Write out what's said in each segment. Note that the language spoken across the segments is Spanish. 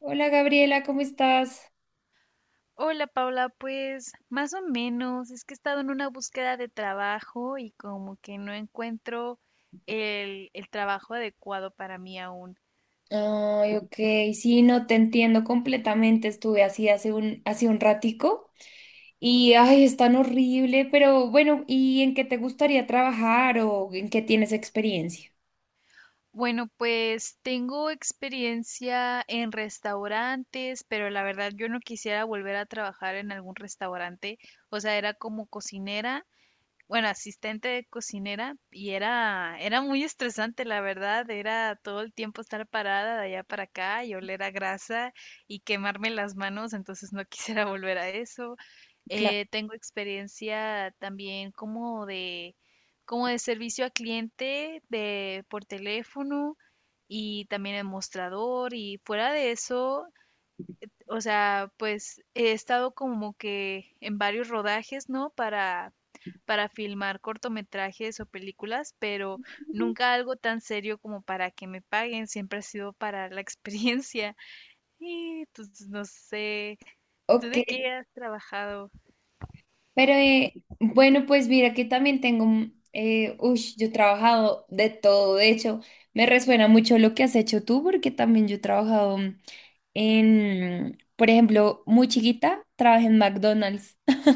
Hola Gabriela, ¿cómo estás? Hola Paula, pues más o menos, es que he estado en una búsqueda de trabajo y como que no encuentro el trabajo adecuado para mí aún. Ay, ok, sí, no te entiendo completamente. Estuve así hace un ratico y ay, es tan horrible, pero bueno, ¿y en qué te gustaría trabajar o en qué tienes experiencia? Bueno, pues tengo experiencia en restaurantes, pero la verdad yo no quisiera volver a trabajar en algún restaurante, o sea, era como cocinera, bueno, asistente de cocinera y era muy estresante, la verdad, era todo el tiempo estar parada de allá para acá y oler a grasa y quemarme las manos, entonces no quisiera volver a eso. Claro. Tengo experiencia también como de servicio a cliente, de por teléfono y también en mostrador, y fuera de eso, o sea, pues he estado como que en varios rodajes, ¿no? Para filmar cortometrajes o películas, pero nunca algo tan serio como para que me paguen, siempre ha sido para la experiencia. Y pues no sé, ¿tú Ok. de qué has trabajado? Pero bueno, pues mira que también tengo, yo he trabajado de todo, de hecho, me resuena mucho lo que has hecho tú, porque también yo he trabajado en, por ejemplo, muy chiquita, trabajé en McDonald's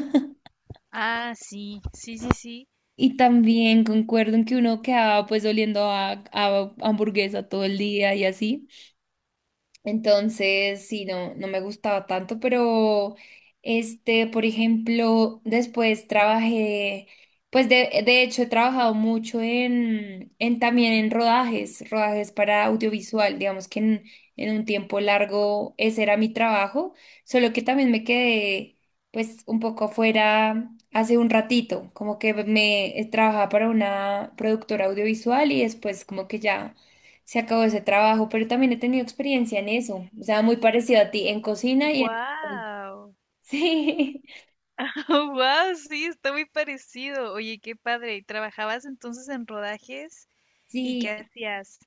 Ah, sí, sí, sí, sí. y también concuerdo en que uno quedaba pues oliendo a hamburguesa todo el día y así. Entonces, sí, no me gustaba tanto, pero este, por ejemplo, después trabajé, pues de hecho he trabajado mucho en también en rodajes, rodajes para audiovisual, digamos en un tiempo largo ese era mi trabajo, solo que también me quedé pues un poco afuera hace un ratito, como que me trabajaba para una productora audiovisual y después como que ya se acabó ese trabajo, pero también he tenido experiencia en eso, o sea, muy parecido a ti, en cocina y en... Wow, Sí, wow, sí, está muy parecido. Oye, qué padre. ¿Y ¿Trabajabas entonces en rodajes y qué sí. hacías?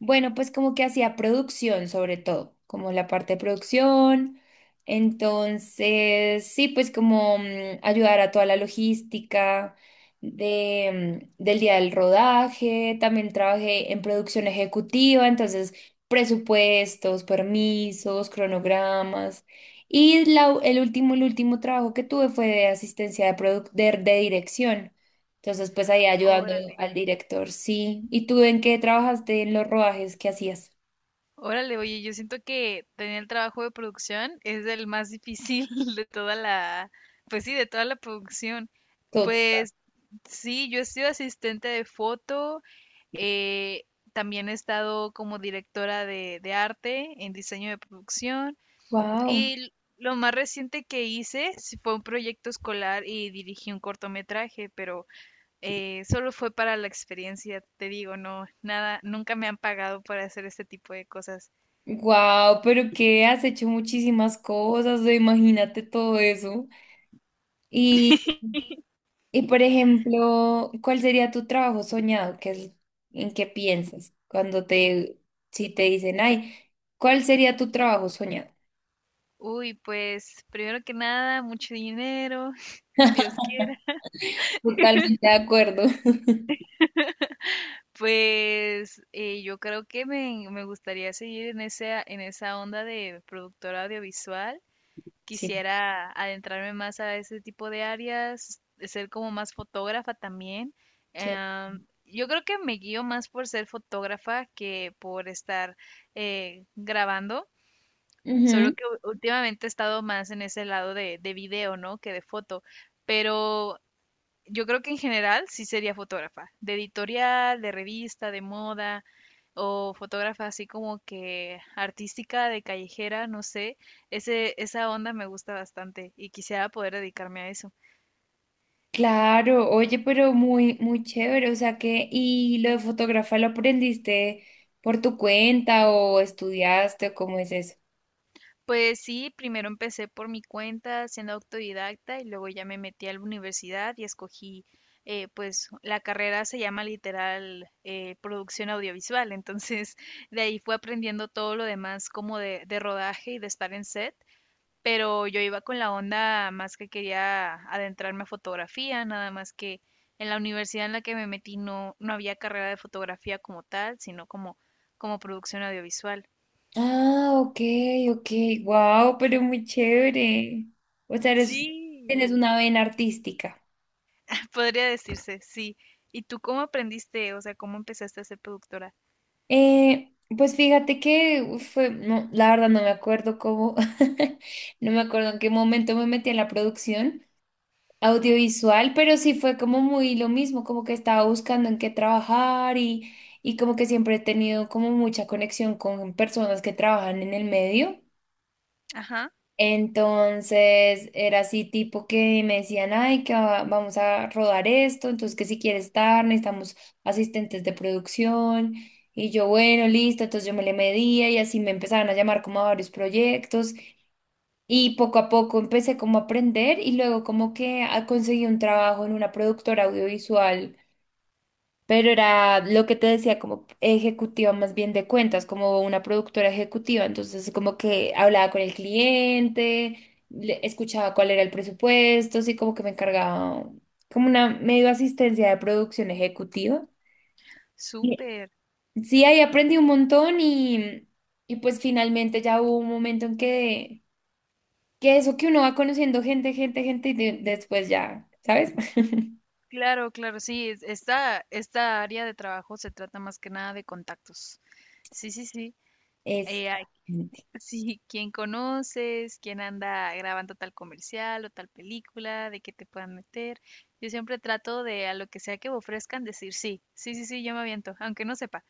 Bueno, pues como que hacía producción sobre todo, como la parte de producción. Entonces, sí, pues como ayudar a toda la logística de, del día del rodaje. También trabajé en producción ejecutiva, entonces presupuestos, permisos, cronogramas. Y la u- el último trabajo que tuve fue de asistencia de, produc- de dirección. Entonces, pues ahí ayudando Órale. al director, sí. ¿Y tú en qué trabajaste en los rodajes que hacías? Órale, oye, yo siento que tener el trabajo de producción es el más difícil de toda la, pues sí, de toda la producción. Todo. Pues sí, yo he sido asistente de foto, eh, también he estado como directora de arte en diseño de producción Wow. y lo más reciente que hice sí fue un proyecto escolar y dirigí un cortometraje, pero solo fue para la experiencia, te digo, no, nada, nunca me han pagado para hacer este tipo de cosas. Wow, pero que has hecho muchísimas cosas, o imagínate todo eso. Y, y por ejemplo, ¿cuál sería tu trabajo soñado? ¿Qué es, en qué piensas cuando te, si te dicen, ay, ¿cuál sería tu trabajo soñado? Uy, pues primero que nada, mucho dinero, Dios quiera. Totalmente de acuerdo. Pues yo creo que me gustaría seguir en esa onda de productora audiovisual. Sí, Quisiera adentrarme más a ese tipo de áreas, ser como más fotógrafa también. sí. Yo creo que me guío más por ser fotógrafa que por estar grabando, solo que últimamente he estado más en ese lado de video, ¿no?, que de foto. Pero yo creo que en general sí sería fotógrafa, de editorial, de revista, de moda, o fotógrafa así como que artística, de callejera, no sé. Esa onda me gusta bastante y quisiera poder dedicarme a eso. Claro, oye, pero muy, muy chévere, o sea que, ¿y lo de fotógrafa lo aprendiste por tu cuenta o estudiaste o cómo es eso? Pues sí, primero empecé por mi cuenta siendo autodidacta y luego ya me metí a la universidad y escogí, pues la carrera se llama literal, producción audiovisual, entonces de ahí fue aprendiendo todo lo demás como de rodaje y de estar en set, pero yo iba con la onda más que quería adentrarme a fotografía, nada más que en la universidad en la que me metí no había carrera de fotografía como tal, sino como, como producción audiovisual. Ah, ok, ok, wow, pero muy chévere. O sea, eres, tienes Sí. una vena artística. Podría decirse, sí. ¿Y tú cómo aprendiste? O sea, ¿cómo empezaste a ser productora? Pues fíjate que uf, fue, no, la verdad no me acuerdo cómo, no me acuerdo en qué momento me metí en la producción audiovisual, pero sí fue como muy lo mismo, como que estaba buscando en qué trabajar y como que siempre he tenido como mucha conexión con personas que trabajan en el medio. Ajá. Entonces era así tipo que me decían, ay, vamos a rodar esto, entonces que si quieres estar, necesitamos asistentes de producción. Y yo, bueno, listo, entonces yo me le medía y así me empezaron a llamar como a varios proyectos. Y poco a poco empecé como a aprender y luego como que conseguí un trabajo en una productora audiovisual, pero era lo que te decía como ejecutiva más bien de cuentas, como una productora ejecutiva. Entonces como que hablaba con el cliente, escuchaba cuál era el presupuesto, así como que me encargaba como una medio asistencia de producción ejecutiva. Y- Súper. Sí, ahí aprendí un montón y pues finalmente ya hubo un momento en que... Que eso que uno va conociendo gente, gente, gente y después ya, ¿sabes? Claro, claro, sí. Esta área de trabajo se trata más que nada de contactos. Sí, sí, sí. Eh, Exactamente. Sí, quién conoces, quién anda grabando tal comercial o tal película, de qué te puedan meter. Yo siempre trato de, a lo que sea que me ofrezcan, decir sí, sí, sí, sí, yo me aviento, aunque no sepa,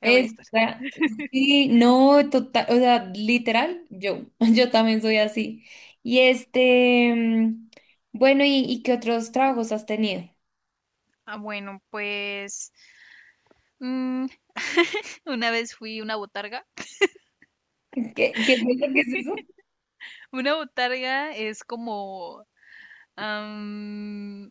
ahí voy a estar. Esa- sí, no, total, o sea, literal, yo, yo también soy así. Y este, bueno, y qué otros trabajos has tenido? Ah, bueno, pues mm, una vez fui una botarga. ¿Qué, qué es eso? ¿Qué es eso? Una botarga es como, am,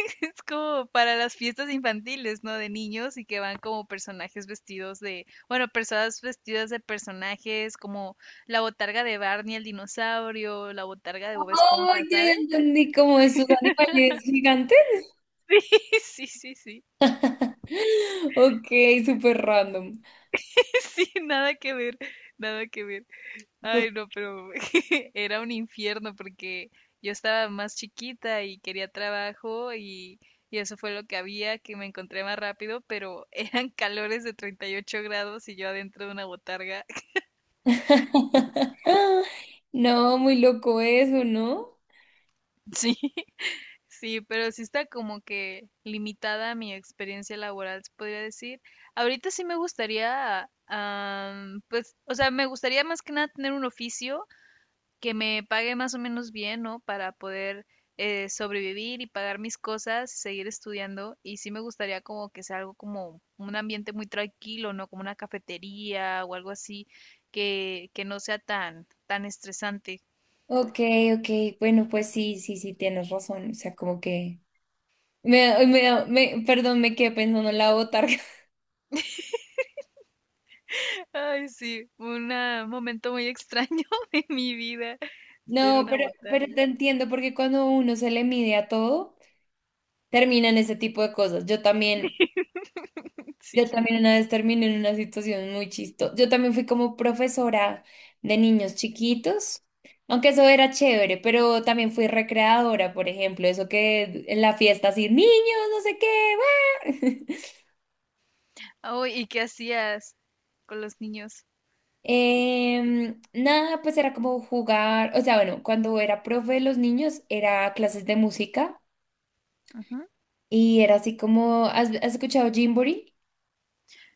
es como para las fiestas infantiles, ¿no? De niños, y que van como personajes vestidos de, bueno, personas vestidas de personajes como la botarga de Barney el dinosaurio, la botarga de Bob Oh, Esponja, ya ya ¿sabes? entendí como esos animales gigantes. Sí, sí, sí, sí. Ok, súper random. Sí, nada que ver, nada que ver. Ay, Tot- no, pero era un infierno porque yo estaba más chiquita y quería trabajo, y eso fue lo que había, que me encontré más rápido, pero eran calores de 38 grados y yo adentro de una botarga. No, muy loco eso, ¿no? Sí, sí, pero sí está como que limitada mi experiencia laboral, se podría decir. Ahorita sí me gustaría, pues, o sea, me gustaría más que nada tener un oficio que me pague más o menos bien, ¿no?, para poder sobrevivir y pagar mis cosas, seguir estudiando. Y sí me gustaría como que sea algo como un ambiente muy tranquilo, ¿no? Como una cafetería o algo así, que no sea tan estresante. Ok, ok, bueno, pues sí, sí, sí, tienes razón, o sea, como que, perdón, me quedé pensando en la botarga. Ay, sí, un momento muy extraño de mi vida, ser No, una pero botarga. te entiendo, porque cuando uno se le mide a todo, terminan ese tipo de cosas. Sí. Yo también una vez terminé en una situación muy chistosa. Yo también fui como profesora de niños chiquitos, aunque eso era chévere, pero también fui recreadora, por ejemplo, eso que en la fiesta así, niños, no sé qué, ¡guau! Oh, ¿y qué hacías con los niños? Nada, pues era como jugar, o sea, bueno, cuando era profe de los niños era clases de música Ujú. y era así como, ¿has, has escuchado Gymboree?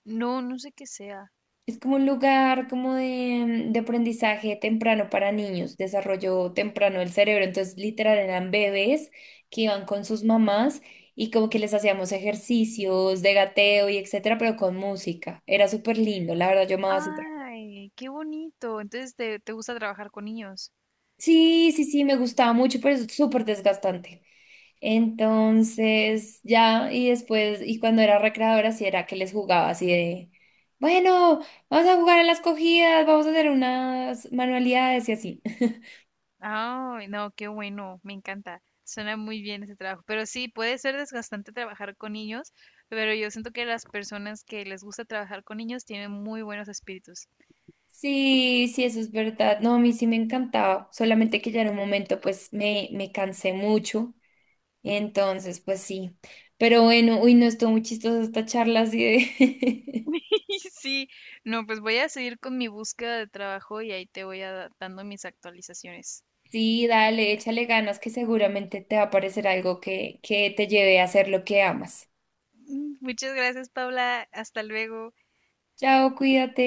No, no sé qué sea. Es como un lugar como de aprendizaje temprano para niños, desarrollo temprano del cerebro, entonces literal eran bebés que iban con sus mamás y como que les hacíamos ejercicios de gateo y etcétera, pero con música, era súper lindo, la verdad yo amaba ese. Ay, qué bonito. Entonces, ¿te, te gusta trabajar con niños? Sí, sí, sí, me gustaba mucho, pero es súper desgastante. Entonces, ya, y después, y cuando era recreadora, sí era que les jugaba así de, bueno, vamos a jugar a las cogidas, vamos a hacer unas manualidades y así. Ay, no, qué bueno, me encanta. Suena muy bien ese trabajo. Pero sí, puede ser desgastante trabajar con niños, pero yo siento que las personas que les gusta trabajar con niños tienen muy buenos espíritus. Sí, sí, eso es verdad. No, a mí sí me encantaba, solamente que ya en un momento, pues, me cansé mucho. Entonces, pues sí. Pero bueno, uy, no estuvo muy chistosa esta charla así de... y sí, no, pues voy a seguir con mi búsqueda de trabajo y ahí te voy a, dando mis actualizaciones. Sí, dale, échale ganas que seguramente te va a parecer algo que te lleve a hacer lo que amas. Mm, muchas gracias, Paula. Hasta luego. Chao, cuídate.